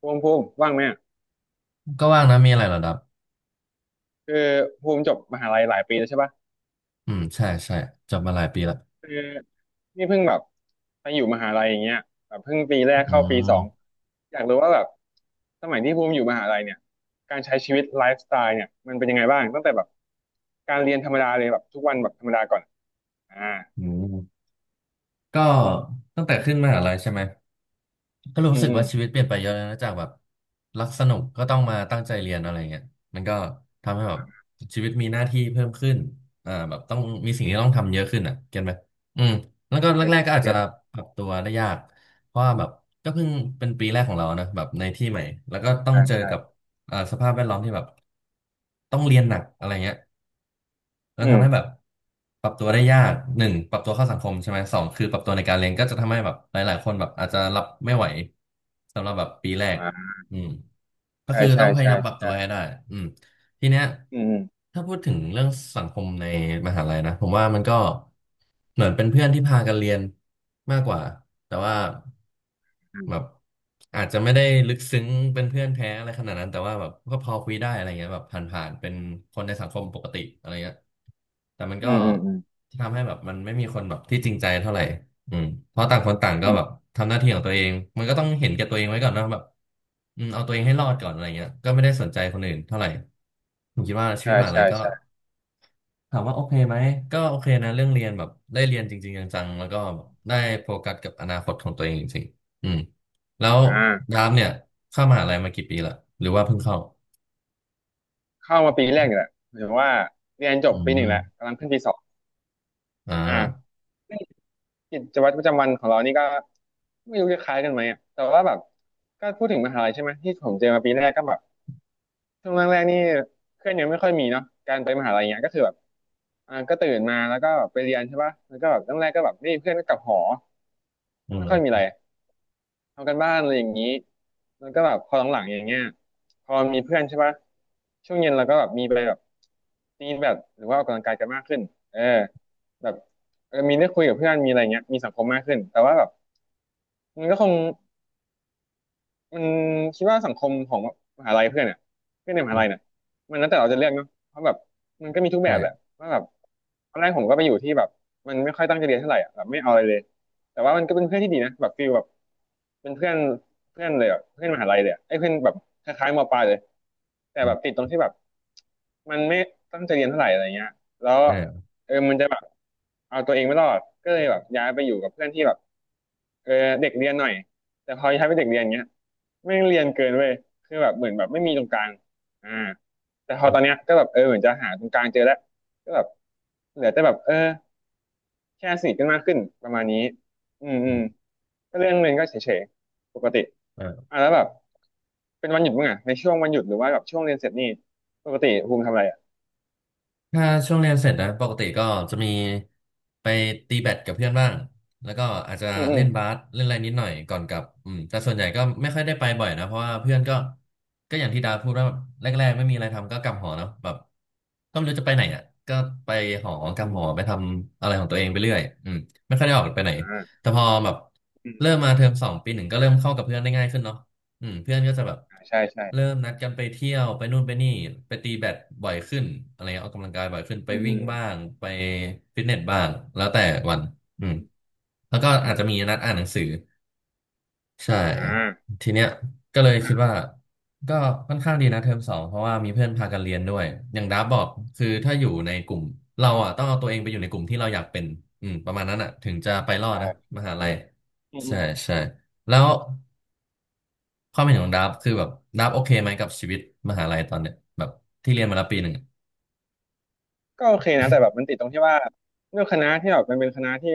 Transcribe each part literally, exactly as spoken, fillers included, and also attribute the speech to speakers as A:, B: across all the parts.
A: ภูมิภูมิว่างไหมอะ
B: ก็ว่างนะมีอะไรเหรอดับ
A: คือภูมิจบมหาลัยหลายปีแล้วใช่ปะ
B: อืมใช่ใช่จบมาหลายปีละ
A: คือนี่เพิ่งแบบไปอยู่มหาลัยอย่างเงี้ยแบบเพิ่งปีแรก
B: อื
A: เข้าปีสอง
B: ม
A: อยากรู้ว่าแบบสมัยที่ภูมิอยู่มหาลัยเนี่ยการใช้ชีวิตไลฟ์สไตล์เนี่ยมันเป็นยังไงบ้างตั้งแต่แบบการเรียนธรรมดาเลยแบบทุกวันแบบธรรมดาก่อนอ่า
B: อืมก็ตั้งแต่ขึ้นมหาลัยใช่ไหมก็
A: อื
B: รู้
A: ม
B: สึก
A: อืม
B: ว่าชีวิตเปลี่ยนไปเยอะเลยนะจากแบบรักสนุกก็ต้องมาตั้งใจเรียนอะไรเงี้ยมันก็ทำให้แบบชีวิตมีหน้าที่เพิ่มขึ้นอ่าแบบต้องมีสิ่งที่ต้องทำเยอะขึ้นอ่ะเก็ตไหมอืมแล้วก็แร
A: เจ็ด
B: กๆ
A: เจ็
B: ก็
A: ด
B: อาจ
A: เจ็
B: จะ
A: ด
B: ปรับตัวได้ยากเพราะว่าแบบก็เพิ่งเป็นปีแรกของเรานะแบบในที่ใหม่แล้วก็ต้อง
A: ใช่
B: เจอ
A: ใช่
B: กับอ่าสภาพแวดล้อมที่แบบต้องเรียนหนักอะไรเงี้ย แล้ว
A: อืม
B: ทำให้แบบปรับตัวได้ยากหนึ่งปรับตัวเข้าสังคมใช่ไหมสองคือปรับตัวในการเรียนก็จะทำให้แบบหลายๆคนแบบอาจจะรับไม่ไหวสำหรับแบบปีแรก
A: อ่า
B: อืมก็
A: ใช่
B: คือต้
A: ใช่
B: องพยา
A: ใช่
B: ยามปรับตั
A: ใช่
B: วให้ได้อืม ทีเนี้ย
A: อืม
B: ถ้าพูดถึงเรื่องสังคมในมหาลัยนะผมว่ามันก็เหมือนเป็นเพื่อนที่พากันเรียนมากกว่าแต่ว่า
A: อื
B: แบ
A: ม
B: บอาจจะไม่ได้ลึกซึ้งเป็นเพื่อนแท้อะไรขนาดนั้นแต่ว่าแบบก็พอคุยได้อะไรเงี้ยแบบผ่านๆเป็นคนในสังคมปกติอะไรเงี้ยแต่มัน
A: อื
B: ก็
A: มอืมอืม
B: ทำให้แบบมันไม่มีคนแบบที่จริงใจเท่าไหร่ อืมเพราะต่างคนต่างก็
A: อื
B: แบบ
A: ม
B: ทำหน้าที่ของตัวเองมันก็ต้องเห็นแก่ตัวเองไว้ก่อนเนอะแบบอืมเอาตัวเองให้รอดก่อนอะไรเงี้ยก็ไม่ได้สนใจคนอื่นเท่าไหร่ผมคิดว่าชีวิ
A: ใช่
B: ตมหาลั
A: ใช่
B: ยก็
A: ใช่
B: ถามว่าโอเคไหมก็โอเคนะเรื่องเรียนแบบได้เรียนจริงๆจังๆแล้วก็ได้โฟกัสกับอนาคตของตัวเองจริงๆอืมแล้ว
A: อ่า
B: ยามเนี่ยเข้ามหาลัยมากี่ปีละหรือว่าเพิ่งเข้า
A: เข้ามาปีแรกอยู่แหละหมายถึงว่าเรียนจ
B: อื
A: บปีหนึ่ง
B: ม
A: แล้วกำลังขึ้นปีสอง
B: อ่า
A: อ่ากิจวัตรประจำวันของเรานี่ก็ไม่รู้จะคล้ายกันไหมอ่ะแต่ว่าแบบก็พูดถึงมหาลัยใช่ไหมที่ผมเจอมาปีแรกก็แบบช่วงแรกๆนี่เพื่อนยังไม่ค่อยมีเนาะการไปมหาลัยเงี้ยก็คือแบบอ่าก็ตื่นมาแล้วก็ไปเรียนใช่ป่ะแล้วก็แบบตั้งแรกก็แบบไม่เพื่อนก็กลับหอ
B: อื
A: ไม่ค่
B: ม
A: อยมีอะไร ทำกันบ้านอะไรอย่างนี้แล้วก็แบบพอหลังๆอย่างเงี้ยพอมีเพื่อนใช่ปะช่วงเย็นเราก็แบบมีไปแบบตีแบดหรือว่าออกกำลังกายกันมากขึ้นเออแบบเออมีได้คุยกับเพื่อนมีอะไรเงี้ยมีสังคมมากขึ้นแต่ว่าแบบมันก็คง มันคิดว่าสังคมของมหาลัยเพื่อนเนี่ยเพื่อนในม
B: อื
A: หาลัยเนี่ย
B: ม
A: มันแล้วแต่เราจะเลือกเนาะเพราะแบบมันก็มีทุกแบบแหละ
B: ใช
A: ว่าแบบตอนแรกผมก็ไปอยู่ที่แบบมันไม่ค่อยตั้งใจเรียนเท่าไหร่อ่ะแบบไม่เอาอะไรเลยแต่ว่ามันก็เป็นเพื่อนที่ดีนะแบบฟีลแบบเป็นเพื่อนเพื่อนเลยอ่ะเพื่อนมหาลัยเลยอะไอ้เพื่อนแบบคล้ายๆมปลายเลยแต่
B: อื
A: แบบติด
B: ม
A: ตรงที่แบบมันไม่ตั้งใจเรียนเท่าไหร่อะไรเงี้ยแล้ว
B: ใช่ะ
A: เออมันจะแบบเอาตัวเองไม่รอดก็เลยแบบย้ายไปอยู่กับเพื่อนที่แบบเออเด็กเรียนหน่อยแต่พอย้ายไปเด็กเรียนเงี้ย ไม่งเรียนเกินเว้ยคือแบบเหมือนแบบไม่มีตรงกลางอ่าแต่พอตอนเนี้ยก็แบบเออเหมือนจะหาตรงกลางเจอแล้วก็แบบเหลือแต่แบบเออแค่สนิทกันมากขึ้นประมาณนี้อืมอื
B: อื
A: ม
B: ม
A: ก็เรื่องเรียนก็เฉยๆปกติ
B: อ่า
A: อ่ะแล้วแบบเป็นวันหยุดมั้งอ่ะในช่วงวันหยุดหรือว่าแบบช่วงเรียนเสร็จนี่ปกติภูมิทำอะไรอ่ะ
B: ถ้าช่วงเรียนเสร็จนะปกติก็จะมีไปตีแบดกับเพื่อนบ้างแล้วก็อาจจะ
A: อืมอื
B: เล่
A: ม
B: นบาสเล่นอะไรนิดหน่อยก่อนกลับอืมแต่ส่วนใหญ่ก็ไม่ค่อยได้ไปบ่อยนะเพราะว่าเพื่อนก็ก็อย่างที่ดาพูดว่าแรกๆไม่มีอะไรทำก็กลับหอเนาะแบบก็ไม่รู้จะไปไหนอ่ะก็ไปหอกลั
A: อื
B: บหอไป
A: ม
B: ทำอะไรของตัวเองไปเรื่อยอืมไม่ค่อยได้ออกไปไหน
A: อ่า
B: แต่พอแบบ
A: อืม
B: เริ่มมาเทอมสองปีหนึ่งก็เริ่มเข้ากับเพื่อนได้ง่ายขึ้นเนาะ อืมเพื่อนก็จะแบบ
A: อ่าใช่ใช่
B: เริ่มนัดกันไปเที่ยวไปนู่นไปนี่ไปตีแบดบ่อยขึ้นอะไรเงี้ยออกกำลังกายบ่อยขึ้นไป
A: อืมอื
B: วิ่ง
A: ม
B: บ้างไปฟิตเนสบ้างแล้วแต่วันอืม
A: อืม
B: แล้วก็
A: อื
B: อา
A: ม
B: จจะมีนัดอ่านหนังสือใช่
A: อ่า
B: ทีเนี้ยก็เลยคิดว่าก็ค่อนข้างดีนะเทอมสองเพราะว่ามีเพื่อนพากันเรียนด้วยอย่างดาบบอกคือถ้าอยู่ในกลุ่มเราอ่ะต้องเอาตัวเองไปอยู่ในกลุ่มที่เราอยากเป็นอืมประมาณนั้นอ่ะถึงจะไป
A: ใช่
B: รอด
A: ใช่
B: นะมหาลัย
A: อืมอื
B: ใช่
A: ม
B: ใช่แล้ว ความเห็นของดับคือแบบดับโอเคไหมกับชีวิตมหาลัยตอนเนี้ยแบบที่เรียนมาแล้วปีหนึ่งอะ
A: ก็โอเคนะแต่แบบมันติดตรงที่ว่าด้วยคณะที่แบบมันเป็นคณะที่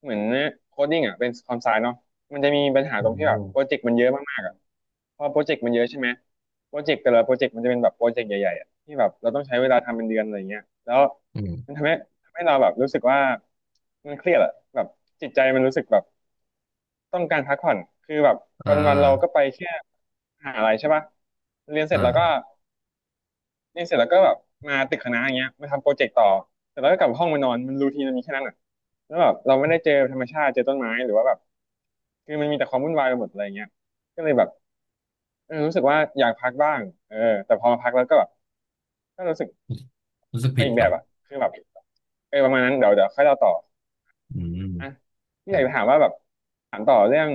A: เหมือนโคดดิ้งอ่ะเป็นคอมไซเนาะมันจะมีปัญหาตรงที่
B: โอ้
A: แบบโปรเจกต์มันเยอะมากๆอ่ะเพราะโปรเจกต์มันเยอะใช่ไหมโปรเจกต์แต่ละโปรเจกต์มันจะเป็นแบบโปรเจกต์ใหญ่ๆอ่ะที่แบบเราต้องใช้เวลาทำเป็นเดือนอะไรเงี้ยแล้ว
B: อื
A: มัน
B: ม
A: ทำให้ทำให้เราแบบรู้สึกว่ามันเครียดอ่ะแบบจิตใจมันรู้สึกแบบต้องการพักผ่อนคือแบบว
B: อ่า
A: ันๆเราก็ไปแค่มหาอะไรใช่ปะเรียนเสร็จแล้วก็
B: อ่า
A: เียเสร็จแล้วก็แบบมาตึกคณะอย่างเงี้ยมาทำโปรเจกต์ต่อเสร็จแล้วก็กลับห้องมานอนมันรูทีนมันมีแค่นั้นอ่ะแล้วแบบเราไม่ได้เจอธรรมชาติเจอต้นไม้หรือว่าแบบคือมันมีแต่ความวุ่นวายไปหมดอะไรเงี้ยก็เลยแบบเออรู้สึกว่าอยากพักบ้างเออแต่พอมาพักแล้วก็แบบก็รู้สึก
B: รู้สึก
A: ไป
B: ผิด
A: อีกแบ
B: ป่ะ
A: บอ่ะคือแบบเออประมาณนั้นเดี๋ยวเดี๋ยวค่อยเล่าต่อ
B: อืม
A: อ่ะพี่
B: ค
A: อ
B: รั
A: ยาก
B: บ
A: จะถามว่าแบบถามต่อเรื่อง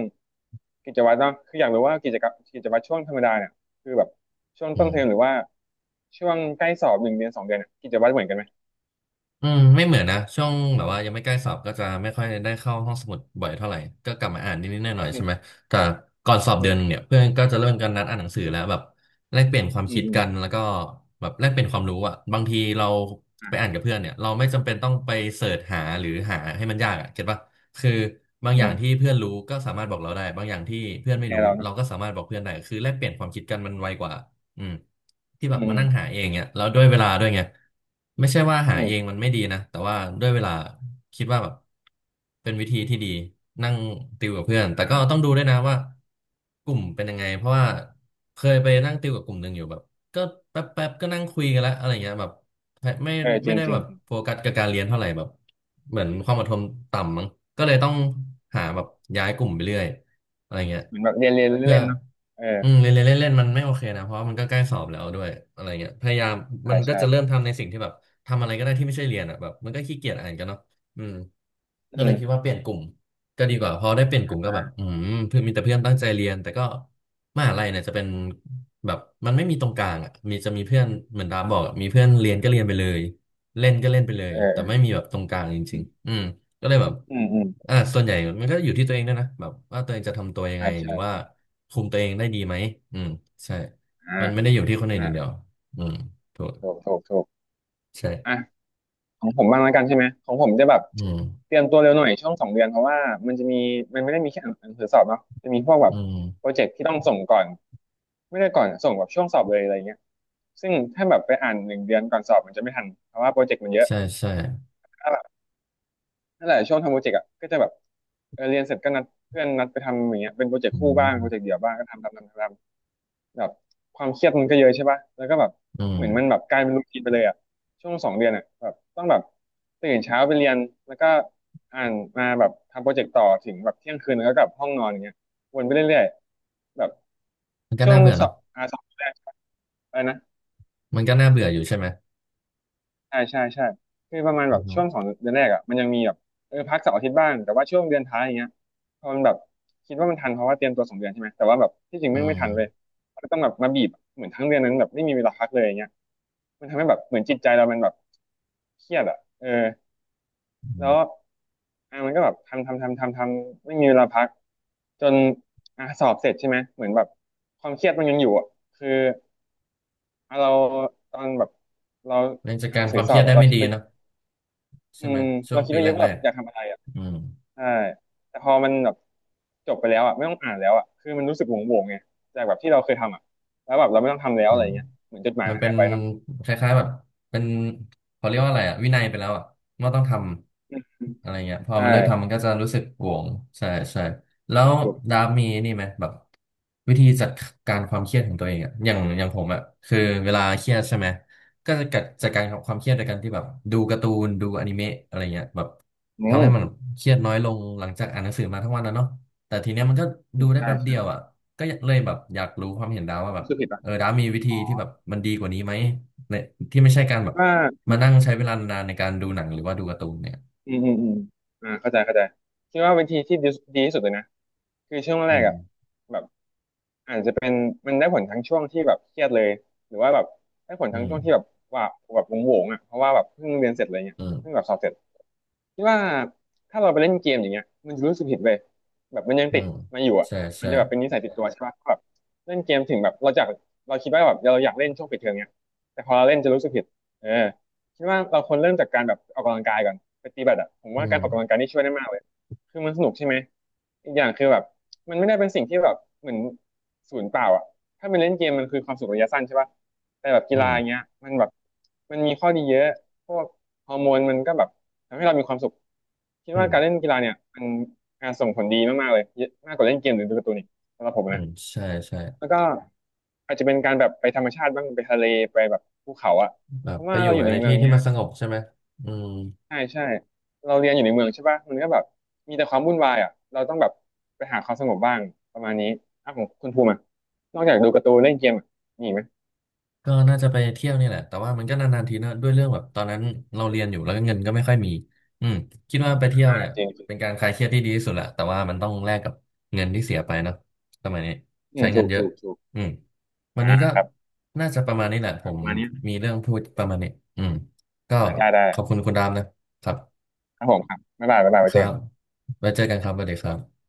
A: กิจวัตรเนาะคืออยากรู้ว่ากิจกรรมกิจวัตรช่วงธรรมดาเนี่ยคือแบบช่วง
B: อื
A: ต้น
B: ม
A: เทอมหรือว่าช่วงใกล้สอบหนึ่งเดือนสองเดือนเนี่ยกิจวัตรเหมือนกันไหม
B: อืมไม่เหมือนนะช่วงแบบว่ายังไม่ใกล้สอบก็จะไม่ค่อยได้เข้าห้องสมุดบ่อยเท่าไหร่ก็กลับมาอ่านนิดๆหน่อยๆใช่ไหมแต่ก่อนสอบ
A: อื
B: เดือนห
A: ม
B: นึ่งเนี่ยเพื่อนก็จะเริ่มกันนัดอ่านหนังสือแล้วแบบแลกเปลี่ยนความ
A: อืม
B: คิด
A: อืม
B: กันแล้วก็แบบแลกเปลี่ยนความรู้อ่ะบางทีเราไป
A: อ่ะ
B: อ่านกับเพื่อนเนี่ยเราไม่จำเป็นต้องไปเสิร์ชหาหรือหาให้มันยากอ่ะเก็ตปะคือบาง
A: อื
B: อย่างที่
A: ม
B: เพื่อนรู้ก็สามารถบอกเราได้บางอย่างที่เพื่อน
A: แช
B: ไม่รู้
A: ร์เราเนาะ
B: เราก็สามารถบอกเพื่อนได้คือแลกเปลี่ยนความคิดกันมันไวกว่า อืมที่
A: อื
B: แบบมา
A: ม
B: นั่งหาเองเนี่ยแล้วด้วยเวลาด้วยไงไม่ใช่ว่าหา
A: อืมอม
B: เองมันไม่ดีนะแต่ว่าด้วยเวลาคิดว่าแบบเป็นวิธีที่ดีนั่งติวกับเพื่อน
A: อ่
B: แต่ก็
A: า
B: ต้องดูด้วยนะว่ากลุ่มเป็นยังไงเพราะว่าเคยไปนั่งติวกับกลุ่มหนึ่งอยู่แบบก็แป๊บแป๊บก็นั่งคุยกันแล้วอะไรเงี้ยแบบไม่
A: เออจ
B: ไม่
A: ริง
B: ได้
A: จริ
B: แบ
A: ง
B: บ
A: จริง
B: โฟกัสกับการเรียนเท่าไหร่แบบเหมือนความอดทนต่ำมั้งก็เลยต้องหาแบบย้ายกลุ่มไปเรื่อย อะไรเงี้ย
A: เหมือนแบบเรียนเรียน
B: เพื่อ
A: เล่นๆเนาะเออ
B: อืมเล่นเล่นเล่นเล่นมันไม่โอเคนะเพราะว่ามันก็ใกล้สอบแล้วด้วยอะไรเงี้ยพยายามมั
A: ใช่
B: นก็
A: ใช่
B: จะเริ่มทำในสิ่งที่แบบทำอะไรก็ได้ที่ไม่ใช่เรียนอ่ะแบบมันก็ขี้เกียจอ่านกันเนาะอืม
A: อื
B: ก็เลยคิด
A: ม
B: ว่าเปลี่ยนกลุ่มก็ดีกว่าพอได้เปลี่ยน
A: อ
B: กลุ่มก็แบบอื
A: ่า
B: มเพื่อนมีแต่เพื่อนตั้งใจเรียนแต่ก็มหาลัยเนี่ยจะเป็นแบบมันไม่มีตรงกลางอ่ะมีจะมีเพื่อนเหมือนดาบอกอะมีเพื่อนเรียนก็เรียนไปเลยเล่นก็เล่นไปเลยแต่
A: เอ
B: ไม่
A: อ
B: มีแบบตรงกลางจ
A: เอ
B: ริง
A: ื
B: ๆอืม ก็เลยแบบ
A: อืมอืม
B: อ่าส่วนใหญ่มันก็อยู่ที่ตัวเองด้วยนะแบบว่าตัวเองจะทำตัวยัง
A: ใช่
B: ไง
A: ใช
B: หรือว่า
A: ่
B: คุมตัวเองได้ดีไหมอืมใช่
A: อ่า
B: มันไม่ได้อยู่ที่คนอื่นอ
A: อ่า
B: ย่างเดียวอืมถูก
A: ถูกถูกถูกอ่ะ
B: ใช่
A: ของผมบ้างแล้วกันใช่ไหมของผมจะแบบ
B: อืม
A: เตรียมตัวเร็วหน่อยช่วงสองเดือนเพราะว่ามันจะมีมันไม่ได้มีแค่อ่านหนังสือสอบเนาะจะมีพวกแบ
B: อื
A: บ
B: ม
A: โปรเจกต์ที่ต้องส่งก่อนไม่ได้ก่อนส่งแบบช่วงสอบเลยอะไรเงี้ยซึ่งถ้าแบบไปอ่านหนึ่งเดือนก่อนสอบมันจะไม่ทันเพราะว่าโปรเจกต์มันเยอะ
B: ใช่ใช่
A: นั่นแหละช่วงทำโปรเจกต์อ่ะก็จะแบบเออเรียนเสร็จก็นัดเพื่อนนัดไปทำอย่างเงี้ยเป็นโปรเจกต์
B: อื
A: คู่บ้างโปรเจก
B: ม
A: ต์เดี่ยวบ้างก็ทำทำทำทำแบบความเครียดมันก็เยอะใช่ป่ะแล้วก็แบบ
B: อืม
A: เหมือนมันแบบกลายเป็นรูทีนไปเลยอ่ะช่วงสองเดือนอ่ะแบบต้องแบบตื่นเช้าไปเรียนแล้วก็อ่านมาแบบทำโปรเจกต์ต่อถึงแบบเที่ยงคืนแล้วก็กลับห้องนอนอย่างเงี้ยวนไปเรื่อยๆแบบ
B: มันก็
A: ช่ว
B: น่า
A: ง
B: เบื่อ
A: สอ
B: เนาะ
A: บอ่าสอบแรกอะไรนะ
B: มันก็น่าเบื่ออยู่ใช่ไหม
A: ใช่ใช่ใช่คือประมาณ
B: อื
A: แบบช่ว
B: ม
A: งสองเดือนแรกอ่ะมันยังมีแบบเออพักเสาร์อาทิตย์บ้างแต่ว่าช่วงเดือนท้ายอย่างเงี้ยพอมันแบบคิดว่ามันทันเพราะว่าเตรียมตัวสองเดือนใช่ไหมแต่ว่าแบบที่จริง
B: อื
A: แม่งไม่
B: ม
A: ทันเลยก็ต้องแบบมาบีบเหมือนทั้งเดือนนั้นแบบไม่มีเวลาพักเลยอย่างเงี้ยมันทำให้แบบเหมือนจิตใจเรามันแบบเครียดอ่ะเออ
B: อื
A: แล้วอ่ะ
B: ม
A: มันก็แบบทำทำทำทำทำไม่มีเวลาพักจนอ่ะสอบเสร็จใช่ไหมเหมือนแบบความเครียดมันยังอยู่อ่ะคืออ่ะเราตอนแบบเรา
B: เรื่องจัด
A: อ่านห
B: กา
A: นั
B: ร
A: ง
B: ค
A: สือ
B: วาม
A: ส
B: เค
A: อ
B: รี
A: บ
B: ยด
A: อ่ะ
B: ได้
A: เรา
B: ไม่
A: คิด
B: ดี
A: ไป
B: เนาะใช่
A: อื
B: ไหม
A: ม
B: ช่ว
A: เรา
B: ง
A: คิด
B: ปี
A: ไว้เย
B: แร
A: อะว่าแบบ
B: ก
A: อยากทำอะไรอ่ะ
B: ๆอืม
A: ใช่แต่พอมันแบบจบไปแล้วอ่ะไม่ต้องอ่านแล้วอ่ะคือมันรู้สึกโหวงๆไงจากแบบที่เราเคยทำอ่ะแล้วแบบเราไม่ต้องทำแล้ว
B: อื
A: อะไร
B: ม
A: เงี้ยเหมือนจดหมาย
B: มัน
A: มัน
B: เป็
A: หา
B: น
A: ยไปเนาะ
B: คล้ายๆแบบเป็นเขาเรียกว่าอะไรอะวินัยไปแล้วอะว่าต้องทำอะไรเงี้ยพอมันเลิกทำ
A: ใช่
B: มันก็จะรู้สึกโหวงใช่ใช่แล้ว
A: ถูก
B: ดาฟมีนี่ไหมแบบวิธีจัดการความเครียดของตัวเองอะอย่างอย่างผมอะคือเวลาเครียดใช่ไหมก็จะจัดจัดการกับความเครียดโดยการที่แบบดูการ์ตูนดูอนิเมะอะไรเงี้ยแบบ
A: อื
B: ทำให้มัน
A: ม
B: เครียดน้อยลงหลังจากอ่านหนังสือมาทั้งวันนะเนาะแต่ทีเนี้ยมันก็
A: อื
B: ดู
A: ม
B: ได้
A: ใช่
B: แป๊บเดี
A: ใช่
B: ยวอะก็เลยแบบอยากรู้ความเห็นดาฟว่าแบบ
A: รู้สึกผิดป่ะ
B: เออดาฟมีวิธี
A: อ๋อ
B: ที่แบบมันดีกว่านี้ไหมในที่ไม่ใช่การแบบ
A: ว่า
B: มานั่งใช้เวลานานในการดูหนังหรือว่าดูการ์ตูนเนี่ย
A: อืมอืมอืมอ่าเข้าใจเข้าใจคิดว่าวิธีที่ดีดีที่สุดเลยนะคือช่วง
B: อื
A: แรก
B: ม
A: อ่ะแบบอาจจะเป็นมันได้ผลทั้งช่วงที่แบบเครียดเลยหรือว่าแบบได้ผล
B: อื
A: ทั้ง
B: ม
A: ช่วงที่แบบว่าแบบโหวงๆอ่ะเพราะว่าแบบเพิ่งเรียนเสร็จอะไรเงี้ย
B: อืม
A: เพิ่งแบบสอบเสร็จ คิดว่าถ้าเราไปเล่นเกมอย่างเงี้ยมันจะรู้สึกผิดเลยแบบมันยัง
B: อื
A: ติด
B: ม
A: มาอยู่อ่ะ
B: ใช่
A: มัน
B: ใช่
A: จะแบบเป็นนิสัยติดตัวใช่ปะแบบเล่นเกมถึงแบบเราจากเราคิดว่าแบบเราอยากเล่นช่วงปิดเทอมเนี้ยแต่พอเราเล่นจะรู้สึกผิดเออคิดว่าเราควรเริ่มจากการแบบออกกำลังกายก่อนไปตีแบดอ่ะผม
B: อื
A: ว่าการออกกำลังกา
B: ม
A: ยนี่ช่วยได้มากเลยคือมันสนุกใช่ไหมอีกอย่างคือแบบมันไม่ได้เป็นสิ่งที่แบบเหมือนศูนย์เปล่าอ่ะถ้าเป็นเล่นเกมมันคือความสุขระยะสั้นใช่ปะ แต่แบบกี
B: อื
A: ฬา
B: ม
A: อย่างเงี้ยมันแบบมันมีข้อดีเยอะพวกฮอร์โมนมันก็แบบทำให้เรามีความสุขคิด
B: อื
A: ว่าการเล่
B: ม
A: นกีฬาเนี่ยมันการส่งผลดีมากๆเลยเยอะมากกว่าเล่นเกมหรือดูการ์ตูนอีกสำหรับผม
B: อื
A: นะ
B: มใช่ใช่
A: แล้วก็อาจจะเป็นการแบบไปธรรมชาติบ้างไปทะเลไปแบบภูเขาอะ
B: แบ
A: เพ
B: บ
A: ราะ
B: ไป
A: ว่า
B: อยู่
A: เราอยู่ใน
B: ใน
A: เมือ
B: ที่
A: ง
B: ที่
A: เนี้ย
B: มันสงบใช่ไหมอืม
A: ใช่ใช่เราเรียนอยู่ในเมืองใช่ป่ะมันก็แบบมีแต่ความวุ่นวายอะเราต้องแบบไปหาความสงบบ้างประมาณนี้อ่ะของคุณภูมิอะนอกจากดูการ์ตูนเล่นเกมอะมีอีกไหม
B: ก็น่าจะไปเที่ยวนี่แหละแต่ว่ามันก็นานๆทีนะด้วยเรื่องแบบตอนนั้นเราเรียนอยู่แล้วก็เงินก็ไม่ค่อยมีอืมคิดว่าไปเที่ยว
A: อ่า
B: เนี่ย
A: จริงจริง
B: เป็นการคลายเครียดที่ดีที่สุดแหละแต่ว่ามันต้องแลกกับเงินที่เสียไปเนอะสมัยนี้
A: อื
B: ใช้
A: ม
B: เงิ
A: ถู
B: น
A: ก
B: เยอะ
A: ถูกถูก
B: อืมวัน
A: อ่
B: นี้ก็
A: า
B: น่าจะประมาณนี้แหละผ
A: ประ
B: ม
A: มาณนี้
B: มีเรื่องพูดประมาณนี้อืมก็
A: ได้ได้
B: ขอบคุณคุณดามนะครับ
A: ครับผมครับบ๊ายบายบ๊ายบาย
B: ค
A: ไว้เจ
B: รั
A: อกั
B: บ
A: น
B: ไว้เจอกันครับสวัสดีครับ